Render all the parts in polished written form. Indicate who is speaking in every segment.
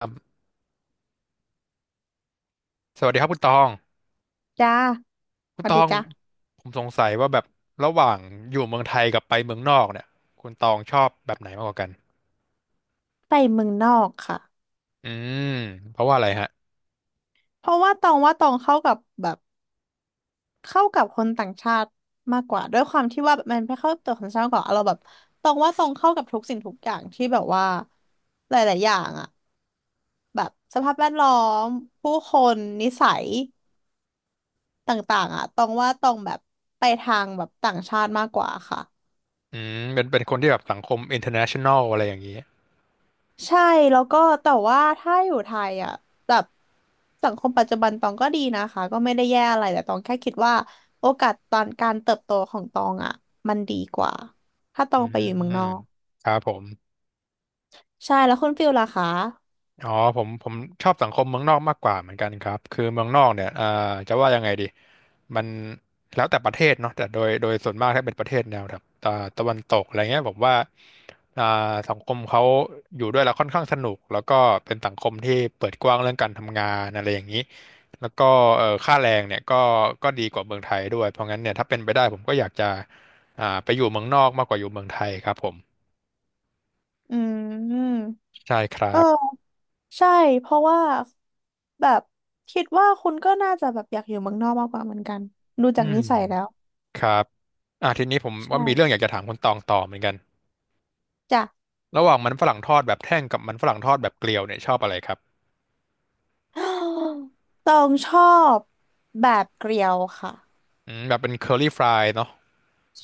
Speaker 1: ครับสวัสดีครับคุณตอง
Speaker 2: จ้า
Speaker 1: คุ
Speaker 2: ส
Speaker 1: ณ
Speaker 2: วั
Speaker 1: ต
Speaker 2: ส
Speaker 1: อ
Speaker 2: ดี
Speaker 1: ง
Speaker 2: จ้า
Speaker 1: ผมสงสัยว่าแบบระหว่างอยู่เมืองไทยกับไปเมืองนอกเนี่ย คุณตองชอบแบบไหนมากกว่ากัน
Speaker 2: ไปเมืองนอกค่ะ
Speaker 1: อืมเพราะว่าอะไรฮะ
Speaker 2: เพราะว่าตองว่าตองเข้ากับแบบเข้ากับคนต่างชาติมากกว่าด้วยความที่ว่าแบบมันไม่เข้ากับตัวคนต่างชาติมากกว่าเราแบบตองว่าตองเข้ากับทุกสิ่งทุกอย่างที่แบบว่าหลายๆอย่างอะแบบสภาพแวดล้อมผู้คนนิสัยต่างๆอะตองว่าตองแบบไปทางแบบต่างชาติมากกว่าค่ะ
Speaker 1: อืมเป็นคนที่แบบสังคม international อะไรอย่างนี้
Speaker 2: ใช่แล้วก็แต่ว่าถ้าอยู่ไทยอ่ะแบบสังคมปัจจุบันตองก็ดีนะคะก็ไม่ได้แย่อะไรแต่ตองแค่คิดว่าโอกาสตอนการเติบโตของตองอ่ะมันดีกว่าถ้าต
Speaker 1: อื
Speaker 2: องไปอยู่เมืองนอก
Speaker 1: มครับผม
Speaker 2: ใช่แล้วคุณฟิลล่ะคะ
Speaker 1: อ๋อผมชอบสังคมเมืองนอกมากกว่าเหมือนกันครับคือเมืองนอกเนี่ยจะว่ายังไงดีมันแล้วแต่ประเทศเนาะแต่โดยส่วนมากถ้าเป็นประเทศแนวแบบตะวันตกอะไรเงี้ยผมว่าอ่าสังคมเขาอยู่ด้วยแล้วค่อนข้างสนุกแล้วก็เป็นสังคมที่เปิดกว้างเรื่องการทำงานอะไรอย่างนี้แล้วก็ค่าแรงเนี่ยก็ดีกว่าเมืองไทยด้วยเพราะงั้นเนี่ยถ้าเป็นไปได้ผมก็อยากจะไปอยู่เมืองนอกมากกว่าอยู่เมืองไทยครับผม
Speaker 2: อืม
Speaker 1: ใช่ครั
Speaker 2: เออ
Speaker 1: บ
Speaker 2: ใช่เพราะว่าแบบคิดว่าคุณก็น่าจะแบบอยากอยู่เมืองนอกมากกว่าเหมือนกันดู
Speaker 1: อื
Speaker 2: จากนิ
Speaker 1: ม
Speaker 2: สัยแล้ว
Speaker 1: ครับทีนี้ผมว่ามีเรื่อ
Speaker 2: ใช่
Speaker 1: งอยากจะถามคุณตองต่อเหมือนกัน
Speaker 2: จ้ะ
Speaker 1: ระหว่างมันฝรั่งทอดแบบแท่งกับมันฝรั่งทอดแบบเกลียวเนี่ยชอบอะไรครับ
Speaker 2: ตองชอบแบบเกลียวค่ะ
Speaker 1: อืมแบบเป็นเคอรี่ฟรายเนาะ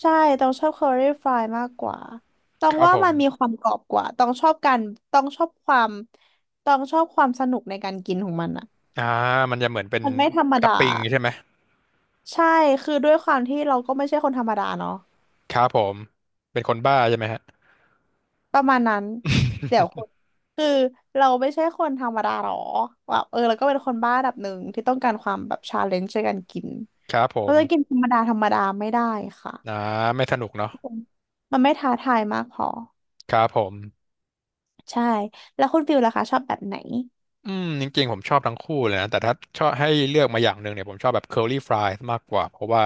Speaker 2: ใช่ต้องชอบเคอรี่ฟรายมากกว่าต้อ
Speaker 1: ค
Speaker 2: ง
Speaker 1: รับ
Speaker 2: ว่า
Speaker 1: ผม
Speaker 2: มันมีความกรอบกว่าต้องชอบการต้องชอบความต้องชอบความสนุกในการกินของมันอ่ะ
Speaker 1: อ่ามันจะเหมือนเป็น
Speaker 2: มันไม่ธรรม
Speaker 1: ตับ
Speaker 2: ดา
Speaker 1: ปิงใช่ไหม
Speaker 2: ใช่คือด้วยความที่เราก็ไม่ใช่คนธรรมดาเนาะ
Speaker 1: ครับผมเป็นคนบ้าใช่ไหมฮะ
Speaker 2: ประมาณนั้นเดี๋ยวคนคือเราไม่ใช่คนธรรมดาหรอแบบเออเราก็เป็นคนบ้าระดับหนึ่งที่ต้องการความแบบชาเลนจ์ในการกิน
Speaker 1: ครับผ
Speaker 2: เรา
Speaker 1: ม
Speaker 2: จะกินธรรมดาธรรมดาไม่ได้ค่ะ
Speaker 1: อ่าไม่สนุกเนาะ
Speaker 2: มันไม่ท้าทายมากพอ
Speaker 1: ครับผม
Speaker 2: ใช่แล้วคุณฟิลล่ะคะชอบแบบไหน
Speaker 1: อืมจริงๆผมชอบทั้งคู่เลยนะแต่ถ้าชอบให้เลือกมาอย่างหนึ่งเนี่ยผมชอบแบบ curly fries มากกว่าเพราะว่า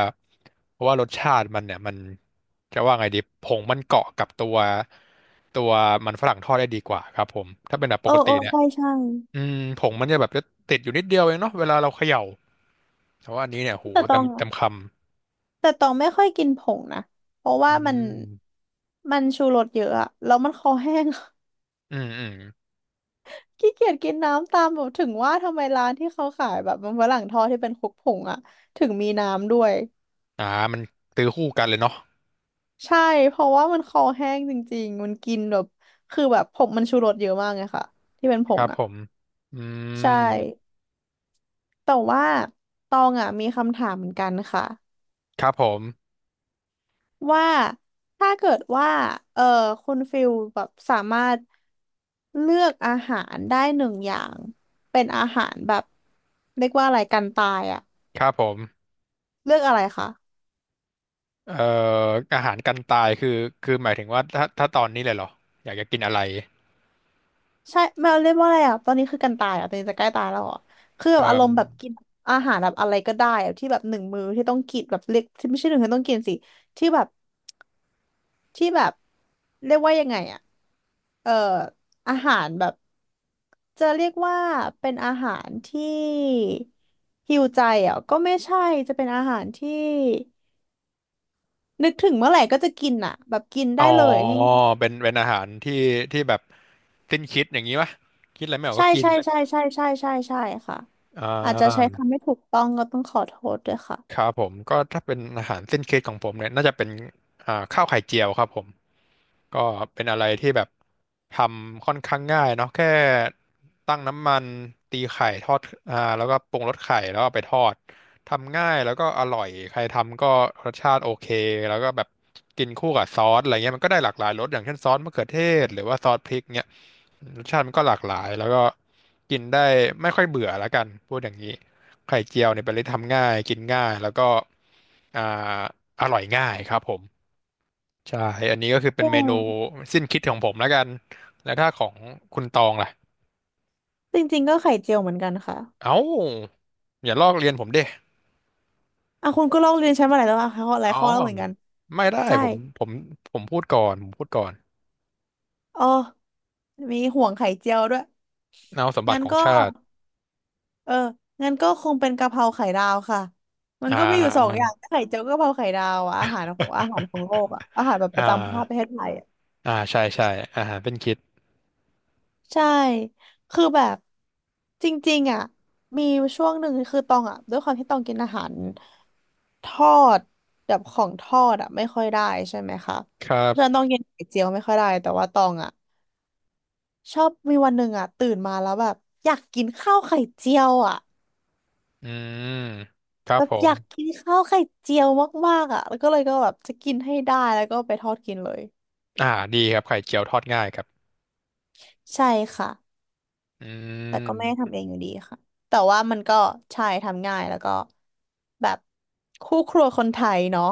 Speaker 1: เพราะว่ารสชาติมันเนี่ยมันจะว่าไงดีผงมันเกาะกับตัวมันฝรั่งทอดได้ดีกว่าครับผมถ้าเป็นแบบป
Speaker 2: เออ
Speaker 1: กติ
Speaker 2: เออ
Speaker 1: เนี่ย
Speaker 2: ใช่ใช่
Speaker 1: อืมผงมันจะแบบจะติดอยู่นิดเดียวเองเนาะเวลาเราเขย่าแต่ว่าอันนี้เนี่ยโห
Speaker 2: แต่ต
Speaker 1: เต็
Speaker 2: อ
Speaker 1: ม
Speaker 2: ง
Speaker 1: เต็
Speaker 2: อะ
Speaker 1: มค
Speaker 2: แต่ตองไม่ค่อยกินผงนะเพราะ
Speaker 1: ำอื
Speaker 2: ว่ามัน
Speaker 1: ม
Speaker 2: มันชูรสเยอะอะ แล้วมันคอแห้ง
Speaker 1: อืมอืม
Speaker 2: ขี้เกียจกินน้ำตามแบบถึงว่าทำไมร้านที่เขาขายแบบมันฝรั่งทอดที่เป็นคลุกผงอะถึงมีน้ำด้วย
Speaker 1: อ่ามันซื้อคู่กันเลยเนาะ
Speaker 2: ใช่เพราะว่ามันคอแห้งจริงๆ มันกินแบบคือแบบผงมันชูรสเยอะมากไงค่ะที่เป็นผ
Speaker 1: ค
Speaker 2: ง
Speaker 1: รับ
Speaker 2: อะ
Speaker 1: ผมอืม
Speaker 2: ใช่แต่ว่าตองอะมีคำถามเหมือนกันค่ะ
Speaker 1: ครับผม
Speaker 2: ว่าถ้าเกิดว่าเออคุณฟิลแบบสามารถ เลือกอาหารได้หนึ่งอย่างเป็นอาหารแบบเรียกว่าอะไรกันตายอะ
Speaker 1: ครับผม
Speaker 2: เลือกอะไรคะ
Speaker 1: เอ่ออาหารกันตายคือคือหมายถึงว่าถ้าตอนนี้เลยเหรออยากจะกินอะไร
Speaker 2: ใช่ไม่เรียกว่าอะไรอะตอนนี้คือกันตายอะตอนนี้จะใกล้ตายแล้วอะคือแบ
Speaker 1: เอ่
Speaker 2: บอารม
Speaker 1: อ
Speaker 2: ณ์แบบกินอาหารแบบอะไรก็ได้อะที่แบบหนึ่งมื้อที่ต้องกินแบบเล็กที่ไม่ใช่หนึ่งที่ต้องกินสิที่แบบที่แบบเรียกว่ายังไงอะเอ่ออาหารแบบจะเรียกว่าเป็นอาหารที่ฮิวใจอ่ะก็ไม่ใช่จะเป็นอาหารที่ นึกถึงเมื่อไหร่ก็จะกินอ่ะแบบกิน
Speaker 1: อ๋
Speaker 2: ได้
Speaker 1: อ
Speaker 2: เลยง่าย
Speaker 1: เป็นอาหารที่ที่แบบสิ้นคิดอย่างนี้ปะคิดอะไรไม่อ
Speaker 2: ๆ
Speaker 1: อก
Speaker 2: ใช่
Speaker 1: ก็กิน
Speaker 2: ใช่ใช่ใช่ใช่ใช่ใช่ค่ะ
Speaker 1: อ่
Speaker 2: อาจจะใช้
Speaker 1: า
Speaker 2: คำไม่ถูกต้องก็ต้องขอโทษด้วยค่ะ
Speaker 1: ครับผมก็ถ้าเป็นอาหารสิ้นคิดของผมเนี่ยน่าจะเป็นข้าวไข่เจียวครับผม ก็เป็นอะไรที่แบบทำค่อนข้างง่ายเนาะแค่ตั้งน้ำมันตีไข่ทอดแล้วก็ปรุงรสไข่แล้วเอาไปทอดทำง่ายแล้วก็อร่อยใครทำก็รสชาติโอเคแล้วก็แบบกินคู่กับซอสอะไรเงี้ยมันก็ได้หลากหลายรสอย่างเช่นซอสมะเขือเทศหรือว่าซอสพริกเงี้ยรสชาติมันก็หลากหลายแล้วก็กินได้ไม่ค่อยเบื่อและกันพูดอย่างนี้ไข่เจียวเนี่ยเป็นอะไรที่ทำง่ายกินง่ายแล้วก็อ่าอร่อยง่ายครับผม ใช่อันนี้ก็คือเป็น
Speaker 2: เอ
Speaker 1: เมนูสิ้นคิดของผมแล้วกันแล้วถ้าของคุณตองล่ะ
Speaker 2: จริงๆก็ไข่เจียวเหมือนกันค่ะ
Speaker 1: เอ้าอย่าลอกเรียนผมดิ
Speaker 2: อ่ะคุณก็ลอกเรียนใช้มาหลายแล้วอ่ะข้อหลาย
Speaker 1: อ๋อ
Speaker 2: ข้อแล้วเหมือนกัน
Speaker 1: ไม่ได้
Speaker 2: ใช่
Speaker 1: ผมพูดก่อนผมพูดก่อน
Speaker 2: อ๋อมีห่วงไข่เจียวด้วย
Speaker 1: เอาสมบั
Speaker 2: งั้
Speaker 1: ติ
Speaker 2: น
Speaker 1: ของ
Speaker 2: ก็
Speaker 1: ชาติ
Speaker 2: เอองั้นก็คงเป็นกะเพราไข่ดาวค่ะมัน
Speaker 1: อ่
Speaker 2: ก็มีอยู่สอง
Speaker 1: า
Speaker 2: อย่างไข่เจียวกะเพราไข่ดาวอะอาหารของอาหารของโลกอะอาหารแบบ ป
Speaker 1: อ่า
Speaker 2: ระจำชาติประเทศไทย
Speaker 1: อ่าใช่ใช่อาหารเป็นคิด
Speaker 2: ใช่ คือแบบจริงๆอ่ะมีช่วงหนึ่งคือตองอ่ะด้วยความที่ตองกินอาหารทอดแบบของทอดอ่ะไม่ค่อยได้ใช่ไหมคะ
Speaker 1: ครั
Speaker 2: เพราะฉะนั้นต
Speaker 1: บ
Speaker 2: องกินไข่เจียวไม่ค่อยได้แต่ว่าตองอ่ะชอบมีวันหนึ่งอ่ะตื่นมาแล้วแบบอยากกินข้าวไข่เจียวอ่ะ
Speaker 1: อืมครั
Speaker 2: แบ
Speaker 1: บ
Speaker 2: บ
Speaker 1: ผ
Speaker 2: อ
Speaker 1: ม
Speaker 2: ยากกินข้าวไข่เจียวมากๆอ่ะแล้วก็เลยก็แบบจะกินให้ได้แล้วก็ไปทอดกินเลย
Speaker 1: อ่าดีครับไข่เจียวทอดง่ายครับ
Speaker 2: ใช่ค่ะ
Speaker 1: อื
Speaker 2: แต่ก็ไม่ได้
Speaker 1: ม
Speaker 2: ทำเองอยู่ดีค่ะแต่ว่ามันก็ใช่ทำง่ายแล้วก็แบบคู่ครัวคนไทยเนาะ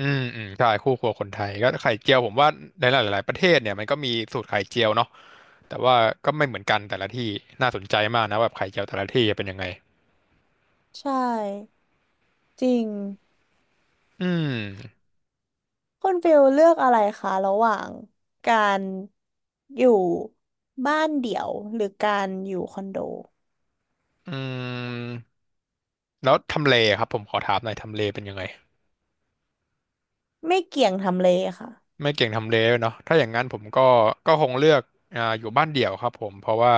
Speaker 1: อืมอืมใช่คู่ครัวคนไทยก็ไข่เจียวผมว่าในหลายๆประเทศเนี่ยมันก็มีสูตรไข่เจียวเนาะ แต่ว่าก็ไม่เหมือนกันแต่ละที่น่าสนใจมากนะแบบไข่เจียวแต่ละที่จะเป็นยังไง
Speaker 2: ใช่จริง
Speaker 1: อืม
Speaker 2: คุณฟิลเลือกอะไรคะระหว่างการอยู่บ้านเดี่ยวหรือการอยู่คอนโด
Speaker 1: อืมแล้วทำเลครับผมขอถามหน่อยทำเลเป็นยังไง
Speaker 2: ไม่เกี่ยงทำเลค่ะ
Speaker 1: ไม่เก่งทำเลด้วยเนาะถ้าอย่างนั้นผมก็ก็คงเลือกอยู่บ้านเดี่ยวครับผมเพราะว่า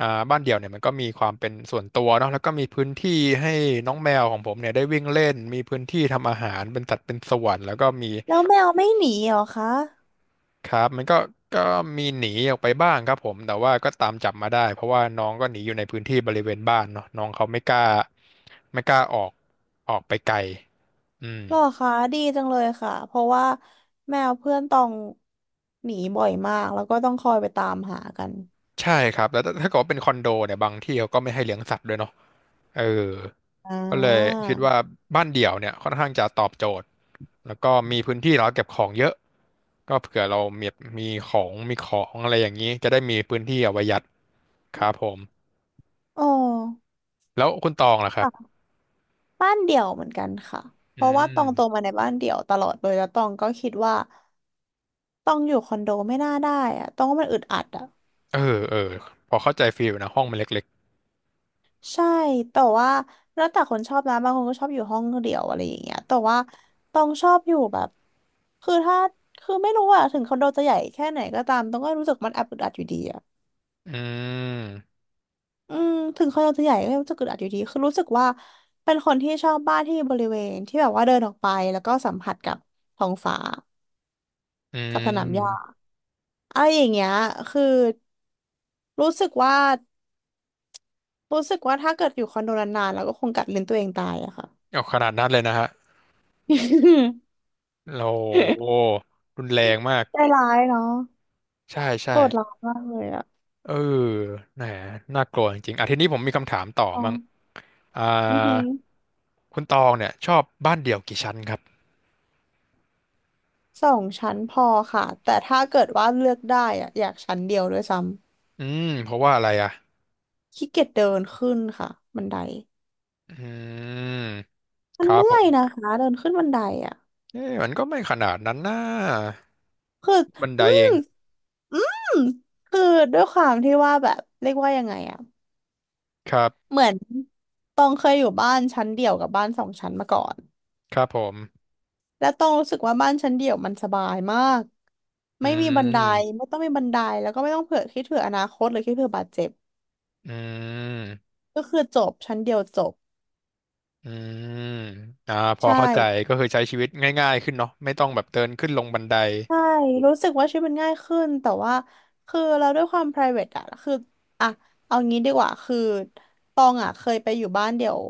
Speaker 1: บ้านเดี่ยวเนี่ยมันก็มีความเป็นส่วนตัวเนาะแล้วก็มีพื้นที่ให้น้องแมวของผมเนี่ยได้วิ่งเล่นมีพื้นที่ทำอาหารเป็นสัดเป็นส่วนแล้วก็มี
Speaker 2: แล้วแมวไม่หนีเหรอคะ
Speaker 1: ครับมันก็ก็มีหนีออกไปบ้างครับผมแต่ว่าก็ตามจับมาได้เพราะว่าน้องก็หนีอยู่ในพื้นที่บริเวณบ้านเนาะน้องเขาไม่กล้าออกออกไปไกลอืม
Speaker 2: หรอคะดีจังเลยค่ะเพราะว่าแมวเพื่อนต้องหนีบ่อยมากแล้วก็ต้องคอยไปตามหากัน
Speaker 1: ใช่ครับแล้วถ้าเกิดว่าเป็นคอนโดเนี่ยบางที่เขาก็ไม่ให้เลี้ยงสัตว์ด้วยเนาะเออ
Speaker 2: อ่
Speaker 1: ก็เลย
Speaker 2: า
Speaker 1: คิดว่าบ้านเดี่ยวเนี่ยค่อนข้างจะตอบโจทย์แล้วก็มีพื้นที่เราเก็บของเยอะก็เผื่อเรามีมีของอะไรอย่างนี้จะได้มีพื้นที่เอาไว้ยัดครับผม
Speaker 2: อ๋อ
Speaker 1: แล้วคุณตองล่ะครับ
Speaker 2: บ้านเดี่ยวเหมือนกันค่ะ เพ
Speaker 1: อื
Speaker 2: ราะว่า
Speaker 1: ม
Speaker 2: ตองโตมาในบ้านเดี่ยวตลอดเลยแล้วตองก็คิดว่าตองอยู่คอนโดไม่น่าได้อะตองว่ามันอึดอัดอะ
Speaker 1: เออเออพอเข้าใจฟีลนะห้องมันเล็ก
Speaker 2: ใช่ แต่ว่าแล้วแต่คนชอบนะบางคนก็ชอบอยู่ห้องเดี่ยวอะไรอย่างเงี้ยแต่ว่าตองชอบอยู่แบบคือถ้าคือไม่รู้อะถึงคอนโดจะใหญ่แค่ไหนก็ตามตองก็รู้สึกมันแอบอึดอัดอยู่ดีอะ
Speaker 1: ๆอืม
Speaker 2: อืมถึงคอนโดจะใหญ่ก็ยังรู้สึกอึดอัดอยู่ดีคือรู้สึกว่าเป็นคนที่ชอบบ้านที่มีบริเวณที่แบบว่าเดินออกไปแล้วก็สัมผัสกับท้องฟ้า
Speaker 1: อื
Speaker 2: กับสนามหญ้า
Speaker 1: ม
Speaker 2: เอาอย่างเงี้ยคือรู้สึกว่ารู้สึกว่าถ้าเกิดอยู่คอนโดนานๆแล้วก็คงกัดลิ้นตัวเองตายอะค่ะ
Speaker 1: เอาขนาดนั้นเลยนะฮะเราโอ้ รุนแรงมาก
Speaker 2: ใจร้ายเนาะ
Speaker 1: ใช่ใช่
Speaker 2: โหดร้ายมากเลยอะ
Speaker 1: เออแหมน่ากลัวจริงๆอ่ะทีนี้ผมมีคำถามต่อ
Speaker 2: อ๋อ
Speaker 1: มั่งอ่า
Speaker 2: อือหือ
Speaker 1: คุณตองเนี่ยชอบบ้านเดี่ยวกี่ชั้นครับ
Speaker 2: สองชั้นพอค่ะแต่ถ้าเกิดว่าเลือกได้อะอยากชั้นเดียวด้วยซ้
Speaker 1: อืมเพราะว่าอะไรอ่ะ
Speaker 2: ำขี้เกียจเดินขึ้นค่ะบันได
Speaker 1: อืม
Speaker 2: มั
Speaker 1: ค
Speaker 2: น
Speaker 1: รับ
Speaker 2: เมื่
Speaker 1: ผ
Speaker 2: อย
Speaker 1: ม
Speaker 2: นะคะเดินขึ้นบันไดอะ
Speaker 1: เอ๊ะมันก็ไม่ขนาดนั้นนะ
Speaker 2: คือ
Speaker 1: บันได
Speaker 2: อื
Speaker 1: เอ
Speaker 2: ม
Speaker 1: ง
Speaker 2: อืมคือด้วยความที่ว่าแบบเรียกว่ายังไงอะ
Speaker 1: ครับ
Speaker 2: เหมือนตองเคยอยู่บ้านชั้นเดี่ยวกับบ้านสองชั้นมาก่อน
Speaker 1: ครับผม
Speaker 2: แล้วตองรู้สึกว่าบ้านชั้นเดี่ยวมันสบายมาก
Speaker 1: อื
Speaker 2: ไม่มีบันได
Speaker 1: ม
Speaker 2: ไม่ต้องมีบันไดแล้วก็ไม่ต้องเผื่อคิดเผื่ออนาคตหรือคิดเผื่อบาดเจ็บ
Speaker 1: อืม
Speaker 2: ก็คือจบชั้นเดียวจบ
Speaker 1: อืม พอ
Speaker 2: ใช่
Speaker 1: เข้าใจก็คือใช้ชีวิตง่ายๆขึ้นเนาะไม่ต้องแบบเดินขึ้นลงบันได
Speaker 2: ใช่รู้สึกว่าชีวิตมันง่ายขึ้น แต่ว่าคือเราด้วยความ private อะคืออะเอางี้ดีกว่า คือตองอะเคยไปอยู่บ้านเดี่ยว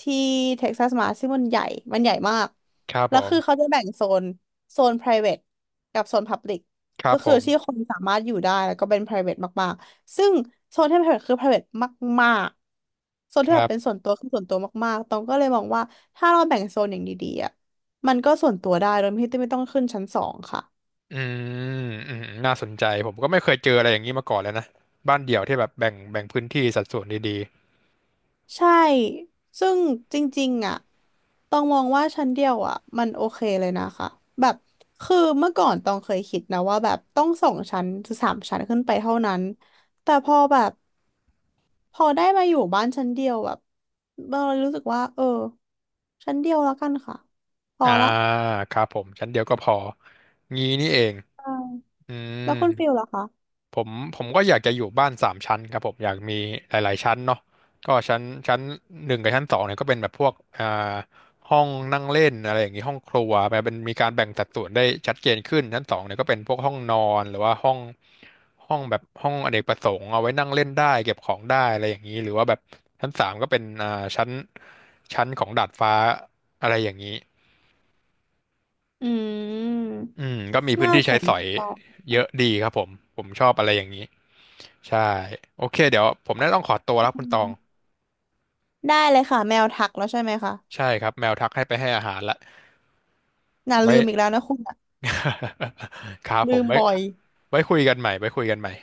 Speaker 2: ที่เท็กซัสมาซึ่งมันใหญ่ มันใหญ่มาก
Speaker 1: ครับผ
Speaker 2: แล้วคือเขา
Speaker 1: ม
Speaker 2: จะแบ่งโซน private กับโซน public
Speaker 1: ครั
Speaker 2: ก็
Speaker 1: บผ
Speaker 2: คือที่ค
Speaker 1: ม
Speaker 2: นสามารถอยู่ได้แล้วก็เป็น private มาก ๆ ซึ่งโซนที่เป็น private คือ private มาก ๆ โซน
Speaker 1: ค
Speaker 2: ที่แบ
Speaker 1: รั
Speaker 2: บเป็น
Speaker 1: บ
Speaker 2: ส่วนตัวคือส่วนตัวมาก ๆตองก็เลยมองว่าถ้าเราแบ่งโซนอย่างดีๆอะมันก็ส่วนตัวได้โดยที่ไม่ต้องขึ้นชั้นสองค่ะ
Speaker 1: อืม อืมน่าสนใจผมก็ไม่เคยเจออะไรอย่างนี้มาก่อนเลยนะ บ้านเดี่ยวที่แบบแบ่งพื้นที่สัดส่วนดี
Speaker 2: ใช่ซึ่งจริงๆอ่ะต้องมองว่าชั้นเดียวอ่ะมันโอเคเลยนะคะแบบคือเมื่อก่อนต้องเคยคิดนะว่าแบบต้องสองชั้นหรือสามชั้นขึ้นไปเท่านั้นแต่พอแบบพอได้มาอยู่บ้านชั้นเดียวแบบเรารู้สึกว่าเออชั้นเดียวแล้วกันค่ะพ
Speaker 1: ๆ
Speaker 2: อละ
Speaker 1: ครับผมชั้นเดียวก็พอ งี้นี่เอง
Speaker 2: ใช่
Speaker 1: อืม
Speaker 2: แล้วคุณฟิลล่ะคะ
Speaker 1: ผมก็อยากจะอยู่บ้านสามชั้นครับผมอยากมีหลายๆชั้นเนาะก็ชั้นหนึ่งกับชั้นสองเนี่ยก็เป็นแบบพวกห้องนั่งเล่นอะไรอย่างนี้ห้องครัวแบบเป็นมีการแบ่งสัดส่วนได้ชัดเจนขึ้นชั้นสองเนี่ยก็เป็นพวกห้องนอนหรือว่าห้องแบบห้องอเนกประสงค์เอาไว้นั่งเล่นได้เก็บของได้อะไรอย่างนี้หรือว่าแบบชั้นสามก็เป็นชั้นชั้นของดาดฟ้าอะไรอย่างนี้
Speaker 2: อืม
Speaker 1: อืมก็มีพื้น
Speaker 2: น่า
Speaker 1: ที่
Speaker 2: ส
Speaker 1: ใช้
Speaker 2: น
Speaker 1: สอย
Speaker 2: ใจ
Speaker 1: เยอะดีครับผมผมชอบอะไรอย่างนี้ ใช่โอเคเดี๋ยวผมน่าต้องขอตัวแล้วคุณต
Speaker 2: อื
Speaker 1: อง
Speaker 2: มได้เลยค่ะแมวทักแล้วใช่ไหมคะ
Speaker 1: ใช่ครับแมวทักให้ไปให้อาหารละ
Speaker 2: น่า
Speaker 1: ไว้
Speaker 2: ลืมอีกแล้วนะคุณอะ
Speaker 1: ครับผ
Speaker 2: ลื
Speaker 1: ม
Speaker 2: ม
Speaker 1: ไว้
Speaker 2: บ่อย
Speaker 1: ไว้คุยกันใหม่ไว้คุยกันใหม่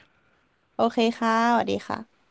Speaker 2: โอเคค่ะสวัสดีค่ะ